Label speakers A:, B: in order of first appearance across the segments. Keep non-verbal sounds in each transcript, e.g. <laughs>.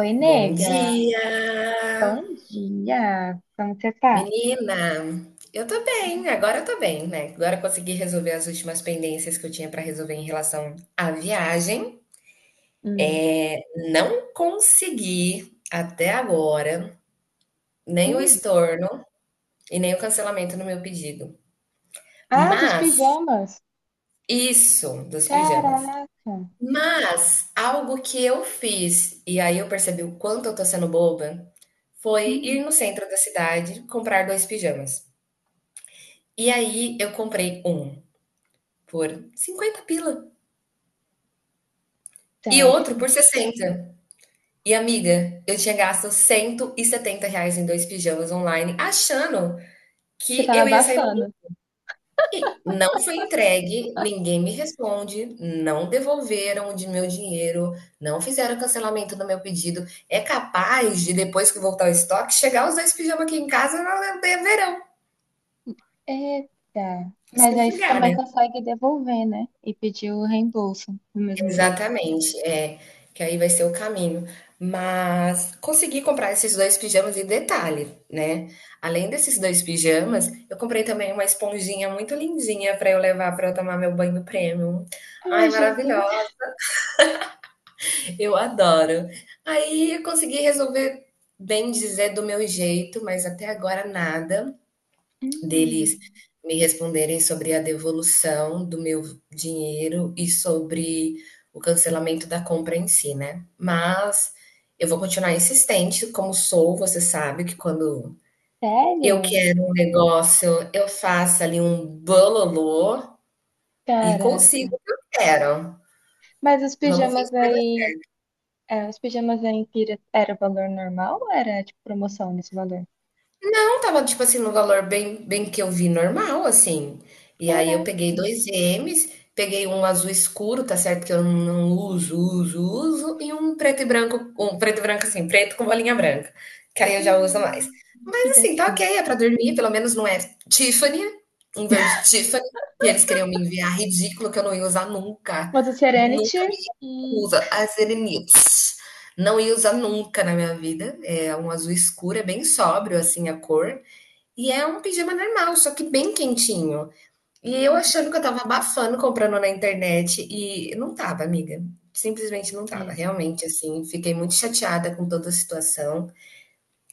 A: Oi,
B: Bom
A: nega.
B: dia,
A: Bom dia. Como você tá?
B: menina. Eu tô bem, agora eu tô bem, né? Agora eu consegui resolver as últimas pendências que eu tinha pra resolver em relação à viagem.
A: Hum.
B: Não consegui até agora nem o
A: Hum.
B: estorno e nem o cancelamento no meu pedido.
A: Ah, dos
B: Mas
A: pijamas.
B: isso dos pijamas.
A: Caraca.
B: Mas algo que eu fiz e aí eu percebi o quanto eu tô sendo boba foi
A: Hum.
B: ir no centro da cidade comprar dois pijamas. E aí eu comprei um por 50 pila e
A: Sério?
B: outro por 60. E, amiga, eu tinha gasto 170 reais em dois pijamas online, achando
A: Você
B: que
A: tava
B: eu ia sair no lucro.
A: abafando.
B: E não foi entregue, ninguém me responde, não devolveram o de meu dinheiro, não fizeram cancelamento do meu pedido. É capaz de, depois que voltar o estoque, chegar os dois pijamas aqui em casa no verão.
A: Eita.
B: Se
A: Mas aí você
B: chegar, né?
A: também consegue devolver, né? E pedir o reembolso do mesmo jeito.
B: Exatamente, é, que aí vai ser o caminho. Mas consegui comprar esses 2 pijamas e detalhe, né, além desses 2 pijamas, eu comprei também uma esponjinha muito lindinha para eu levar para eu tomar meu banho premium. Ai,
A: Ai, Jesus.
B: maravilhosa, eu adoro. Aí eu consegui resolver, bem dizer, do meu jeito, mas até agora nada
A: Hum.
B: deles me responderem sobre a devolução do meu dinheiro e sobre o cancelamento da compra em si, né. Mas eu vou continuar insistente, como sou. Você sabe que, quando eu
A: Sério?
B: quero um negócio, eu faço ali um bololô e
A: Caraca.
B: consigo o que eu quero.
A: Mas os
B: Vamos ver
A: pijamas
B: se vai.
A: aí. É, os pijamas aí em pira era o valor normal ou era tipo promoção nesse valor?
B: Não estava, tipo assim, no valor bem bem que eu vi normal, assim. E aí eu peguei 2 gemes, peguei um azul escuro, tá certo que eu não uso, uso, uso, e um preto e branco, um preto e branco assim, preto com bolinha branca, que aí eu já uso mais.
A: Hum, que
B: Mas assim, tá ok,
A: gatinho.
B: é pra dormir, pelo menos não é Tiffany, um verde Tiffany, que eles queriam me enviar, ridículo, que eu não ia usar nunca.
A: Mas o Serenity.
B: Nunca me
A: Hum,
B: recusa a serenites. Não ia usar nunca na minha vida. É um azul escuro, é bem sóbrio assim a cor. E é um pijama normal, só que bem quentinho. E eu
A: hum,
B: achando que eu tava abafando comprando na internet e não tava, amiga. Simplesmente não tava.
A: é.
B: Realmente, assim, fiquei muito chateada com toda a situação.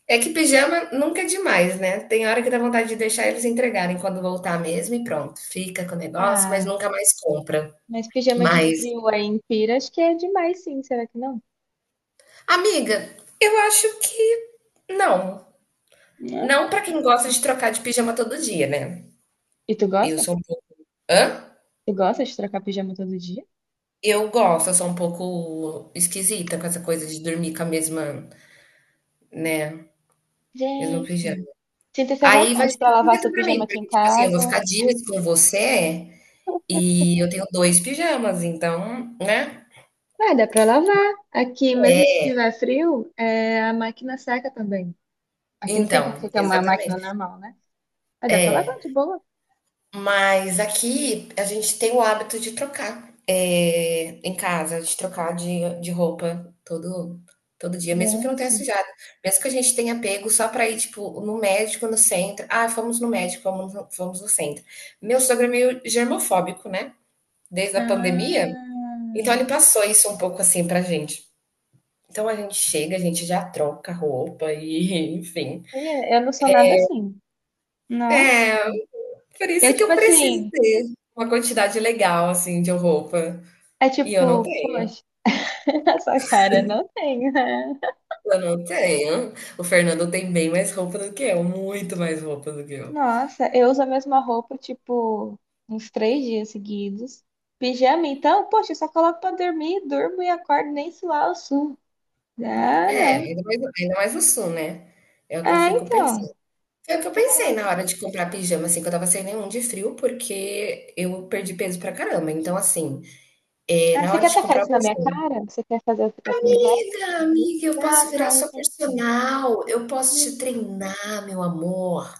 B: É que pijama nunca é demais, né? Tem hora que dá vontade de deixar eles entregarem quando voltar mesmo e pronto. Fica com o negócio, mas
A: Ah,
B: nunca mais compra.
A: mas pijama de
B: Mas,
A: frio aí em pira, acho que é demais, sim. Será que não?
B: amiga, eu acho que não.
A: Não.
B: Não pra quem gosta de trocar de pijama todo dia, né?
A: E tu
B: Eu
A: gosta?
B: sou um pouco. Hã?
A: Tu gosta de trocar pijama todo dia?
B: Eu gosto, eu sou um pouco esquisita com essa coisa de dormir com a mesma, né, mesmo pijama.
A: Gente, sinta-se à
B: Aí vai
A: vontade
B: ser
A: para lavar seu
B: esquisito pra
A: pijama
B: mim,
A: aqui em
B: porque, tipo assim, eu vou
A: casa.
B: ficar dias com você e eu tenho 2 pijamas, então, né?
A: Ah, dá pra lavar. Aqui, mesmo se tiver frio, é, a máquina seca também. Aqui não tem como
B: Então,
A: você ter uma máquina
B: exatamente.
A: normal, né? Mas dá pra lavar de boa.
B: Mas aqui a gente tem o hábito de trocar em casa, de trocar de roupa todo dia, mesmo que não tenha
A: Gente.
B: sujado. Mesmo que a gente tenha pego só para ir, tipo, no médico, no centro. Ah, fomos no médico, fomos no centro. Meu sogro é meio germofóbico, né? Desde a pandemia. Então ele
A: Ah.
B: passou isso um pouco assim pra gente. Então a gente chega, a gente já troca roupa e, <laughs> enfim.
A: Menina, eu não sou nada assim. Nossa.
B: É, por
A: Eu,
B: isso que
A: tipo
B: eu preciso
A: assim,
B: ter uma quantidade legal, assim, de roupa.
A: é
B: E eu não
A: tipo,
B: tenho,
A: poxa, <laughs> essa cara não tem, né?
B: eu não tenho. O Fernando tem bem mais roupa do que eu, muito mais roupa do que eu.
A: Nossa, eu uso a mesma roupa, tipo, uns três dias seguidos. Pijama, então, poxa, eu só coloco pra dormir, durmo e acordo nem suar o sul. Ah,
B: É,
A: não.
B: ainda mais no sul, né. É o que eu
A: Ah,
B: fico
A: então.
B: pensando. Foi o que eu pensei
A: Caraca.
B: na hora de comprar pijama, assim, que eu tava sem nenhum de frio, porque eu perdi peso pra caramba. Então, assim,
A: Ah,
B: na
A: você
B: hora
A: quer
B: de
A: atacar
B: comprar eu
A: isso na minha
B: pensei:
A: cara? Você quer fazer eu ficar com inveja?
B: "Amiga, amiga, eu
A: Ah,
B: posso virar
A: tá,
B: sua
A: então.
B: personal, eu posso te treinar, meu amor.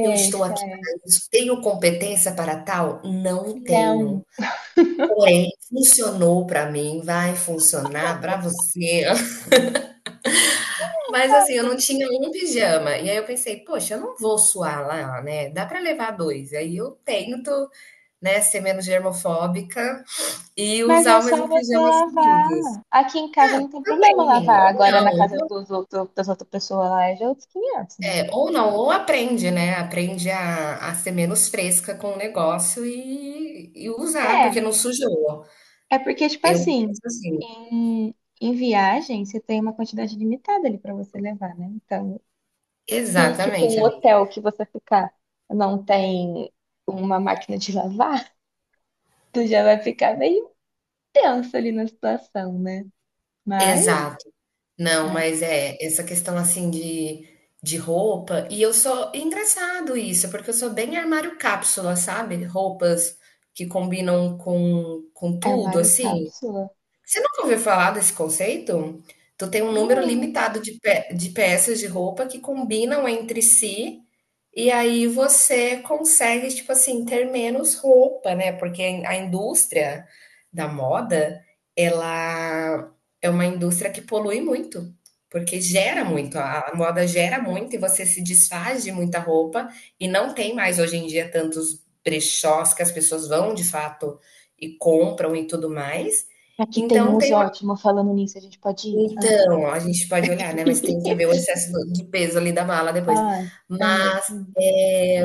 B: Eu estou aqui
A: sei.
B: para isso. Tenho competência para tal? Não
A: Não.
B: tenho. Porém, funcionou pra mim, vai funcionar pra você." <laughs> Mas
A: Ai,
B: assim, eu não
A: gente, que
B: tinha um pijama. E aí eu pensei: "Poxa, eu não vou suar lá, né, dá pra levar dois." Aí eu tento, né, ser menos germofóbica e
A: mas
B: usar
A: é
B: o
A: só
B: mesmo
A: você
B: pijama seguidos.
A: lavar. Aqui em casa não tem problema
B: Também,
A: lavar.
B: ou
A: Agora
B: não,
A: na casa
B: ou
A: dos outro, das outras pessoas lá é de outros 500, né?
B: ou não, ou aprende, né, aprende a ser menos fresca com o negócio e usar, porque não sujou.
A: É, é porque, tipo
B: Eu
A: assim,
B: penso assim.
A: em, em viagem você tem uma quantidade limitada ali pra você levar, né? Então, se tipo
B: Exatamente,
A: um
B: amiga.
A: hotel que você ficar não tem uma máquina de lavar, <laughs> tu já vai ficar meio tenso ali na situação, né? Mas,
B: Exato. Não,
A: ah,
B: mas é, essa questão assim de roupa, e eu sou, engraçado isso, porque eu sou bem armário cápsula, sabe? Roupas que combinam com tudo,
A: armário
B: assim.
A: cápsula?
B: Você nunca ouviu falar desse conceito? Tu tem um número
A: Não.
B: limitado de, de peças de roupa que combinam entre si, e aí você consegue, tipo assim, ter menos roupa, né? Porque a indústria da moda, ela é uma indústria que polui muito, porque gera muito,
A: Não.
B: a moda gera muito e você se desfaz de muita roupa e não tem mais hoje em dia tantos brechós que as pessoas vão de fato e compram e tudo mais.
A: Aqui tem
B: Então
A: uns
B: tem uma
A: ótimos falando nisso, a gente pode ir?
B: então, a gente pode olhar, né, mas tem que ver o
A: <laughs>
B: excesso do de peso ali da mala depois.
A: Ah, é
B: Mas,
A: mesmo.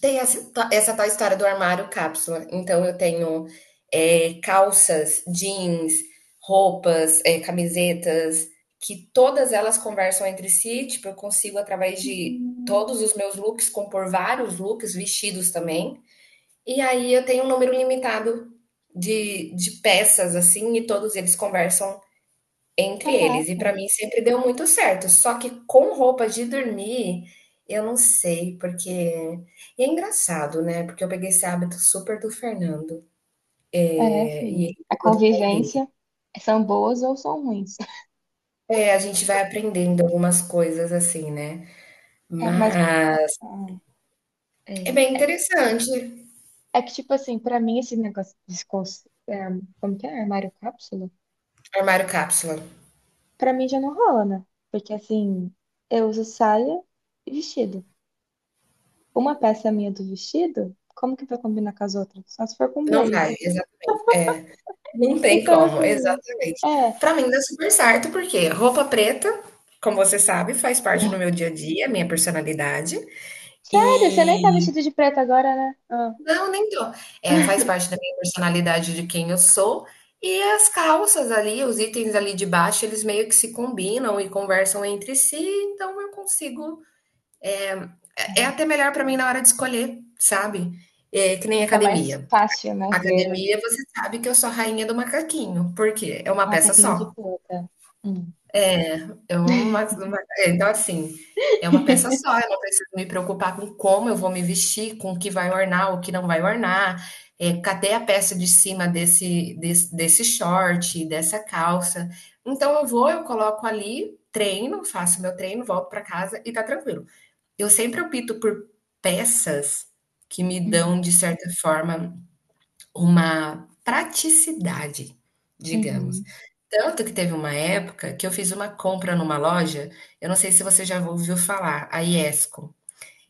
B: tem essa tal história do armário cápsula, então eu tenho, calças, jeans, roupas, camisetas, que todas elas conversam entre si, tipo, eu consigo através de
A: Hum.
B: todos os meus looks compor vários looks, vestidos também, e aí eu tenho um número limitado de peças, assim, e todos eles conversam entre eles, e
A: Caraca.
B: para mim sempre deu muito certo, só que com roupa de dormir, eu não sei, porque e é engraçado, né, porque eu peguei esse hábito super do Fernando,
A: É,
B: e
A: filho.
B: ele
A: A
B: pegou do pai dele.
A: convivência são boas ou são ruins. <laughs>
B: É, a gente vai aprendendo algumas coisas assim, né,
A: É, mas
B: mas
A: ah,
B: é
A: é.
B: bem interessante,
A: É que, tipo assim, pra mim esse negócio de como que é? Armário cápsula?
B: armário cápsula.
A: Pra mim já não rola, né? Porque assim, eu uso saia e vestido. Uma peça minha do vestido, como que vai combinar com as outras? Só se for com
B: Não vai,
A: blazer. <laughs>
B: exatamente, é, não tem
A: Então,
B: como,
A: assim,
B: exatamente.
A: é.
B: Para mim dá super certo, porque roupa preta, como você sabe, faz parte do meu dia a dia, minha personalidade.
A: Sério, você nem tá
B: E
A: vestido de preto agora, né? Ah,
B: não, nem tô. É faz parte da minha personalidade de quem eu sou, e as calças ali, os itens ali de baixo, eles meio que se combinam e conversam entre si, então eu consigo é
A: é.
B: até melhor para mim na hora de escolher, sabe. Que nem
A: Fica mais
B: academia.
A: fácil, né, ver ali.
B: Academia, você sabe que eu sou a rainha do macaquinho, porque é uma
A: Ah,
B: peça
A: caquinho de
B: só.
A: planta. Hum.
B: É uma é, então assim, é uma peça
A: <laughs>
B: só, eu não preciso me preocupar com como eu vou me vestir, com o que vai ornar, o que não vai ornar, cadê a peça de cima desse short, dessa calça. Então eu vou, eu coloco ali, treino, faço meu treino, volto para casa e tá tranquilo. Eu sempre opto por peças que me dão, de certa forma, uma praticidade, digamos.
A: Uhum.
B: Tanto que teve uma época que eu fiz uma compra numa loja, eu não sei se você já ouviu falar, a Iesco.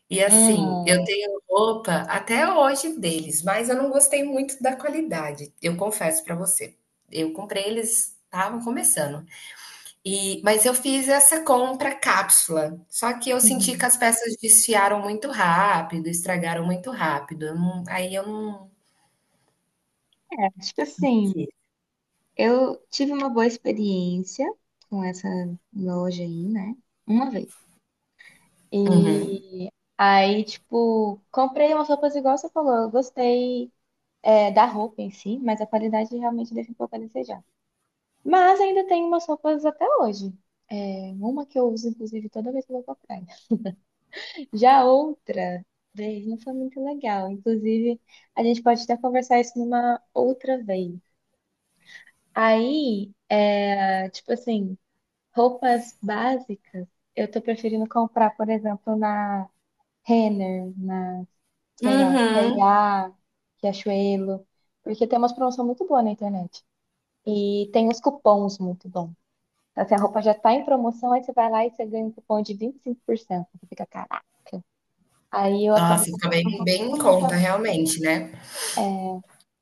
B: E assim, eu
A: Hum.
B: tenho roupa até hoje deles, mas eu não gostei muito da qualidade, eu confesso pra você. Eu comprei, eles estavam começando. E mas eu fiz essa compra cápsula, só que eu senti que
A: Uhum.
B: as peças desfiaram muito rápido, estragaram muito rápido, eu não aí eu não
A: É, tipo assim,
B: quis.
A: eu tive uma boa experiência com essa loja aí, né? Uma vez.
B: Uhum.
A: E aí, tipo, comprei umas roupas igual você falou. Eu gostei, é, da roupa em si, mas a qualidade realmente deixa um pouco a desejar. Mas ainda tem umas roupas até hoje. É, uma que eu uso, inclusive, toda vez que eu vou pra praia. Já outra vez não foi muito legal. Inclusive, a gente pode até conversar isso numa outra vez. Aí, é, tipo assim, roupas básicas, eu tô preferindo comprar, por exemplo, na Renner, na, sei lá,
B: Uhum.
A: C&A, Riachuelo, porque tem umas promoções muito boas na internet. E tem uns cupons muito bons. Então, assim, a roupa já tá em promoção, aí você vai lá e você ganha um cupom de 25%. Você fica, caraca. Aí eu
B: Nossa,
A: acabo
B: fica
A: comprando
B: bem
A: um
B: bem em
A: pouquinho muita
B: conta
A: roupa.
B: realmente, né.
A: É,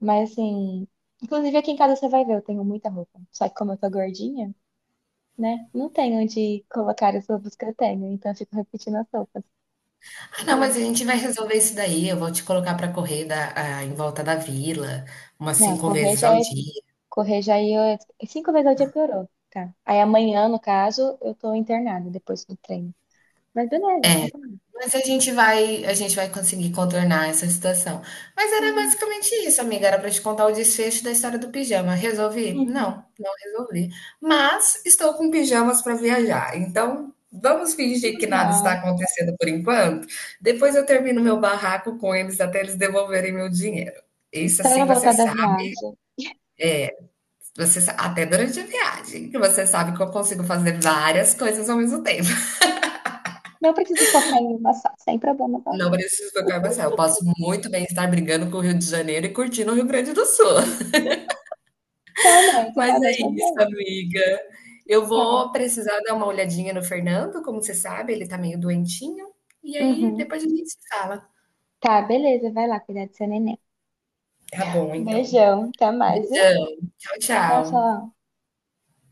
A: mas assim, inclusive aqui em casa você vai ver, eu tenho muita roupa. Só que como eu tô gordinha, né? Não tenho onde colocar as roupas que eu tenho. Então eu fico repetindo as roupas.
B: "Ah, não, mas a
A: Tipo,
B: gente vai resolver isso daí, eu vou te colocar para correr da ah, em volta da vila umas
A: não,
B: 5
A: correr
B: vezes
A: já
B: ao
A: é.
B: dia."
A: Correr já ia. Cinco vezes ao dia piorou. Tá. Aí amanhã, no caso, eu tô internada depois do treino. Mas beleza, então.
B: Mas a gente vai conseguir contornar essa situação. Mas era
A: Uhum.
B: basicamente isso, amiga. Era para te contar o desfecho da história do pijama. Resolvi?
A: Uhum.
B: Não, não resolvi. Mas estou com pijamas para viajar. Então, vamos fingir que
A: Menos
B: nada está
A: mal.
B: acontecendo por enquanto. Depois eu termino meu barraco com eles até eles devolverem meu dinheiro. Isso,
A: Então era
B: assim, você
A: voltar da
B: sabe,
A: viagem.
B: até durante a viagem, que você sabe que eu consigo fazer várias coisas ao mesmo tempo.
A: Não preciso focar em uma só, sem problema
B: Não
A: algum.
B: preciso trocar passar. Eu posso muito bem estar brigando com o Rio de Janeiro e curtindo o Rio Grande do Sul. <laughs>
A: Realmente,
B: Mas
A: realmente,
B: é
A: mas
B: isso,
A: beleza.
B: amiga. Eu
A: Tá.
B: vou precisar dar uma olhadinha no Fernando, como você sabe, ele tá meio doentinho. E aí
A: Uhum.
B: depois a gente se fala.
A: Tá, beleza, vai lá cuidar do seu neném.
B: Tá bom, então.
A: Beijão, até mais, viu?
B: Beijão. Tchau,
A: Tchau,
B: tchau.
A: tchau.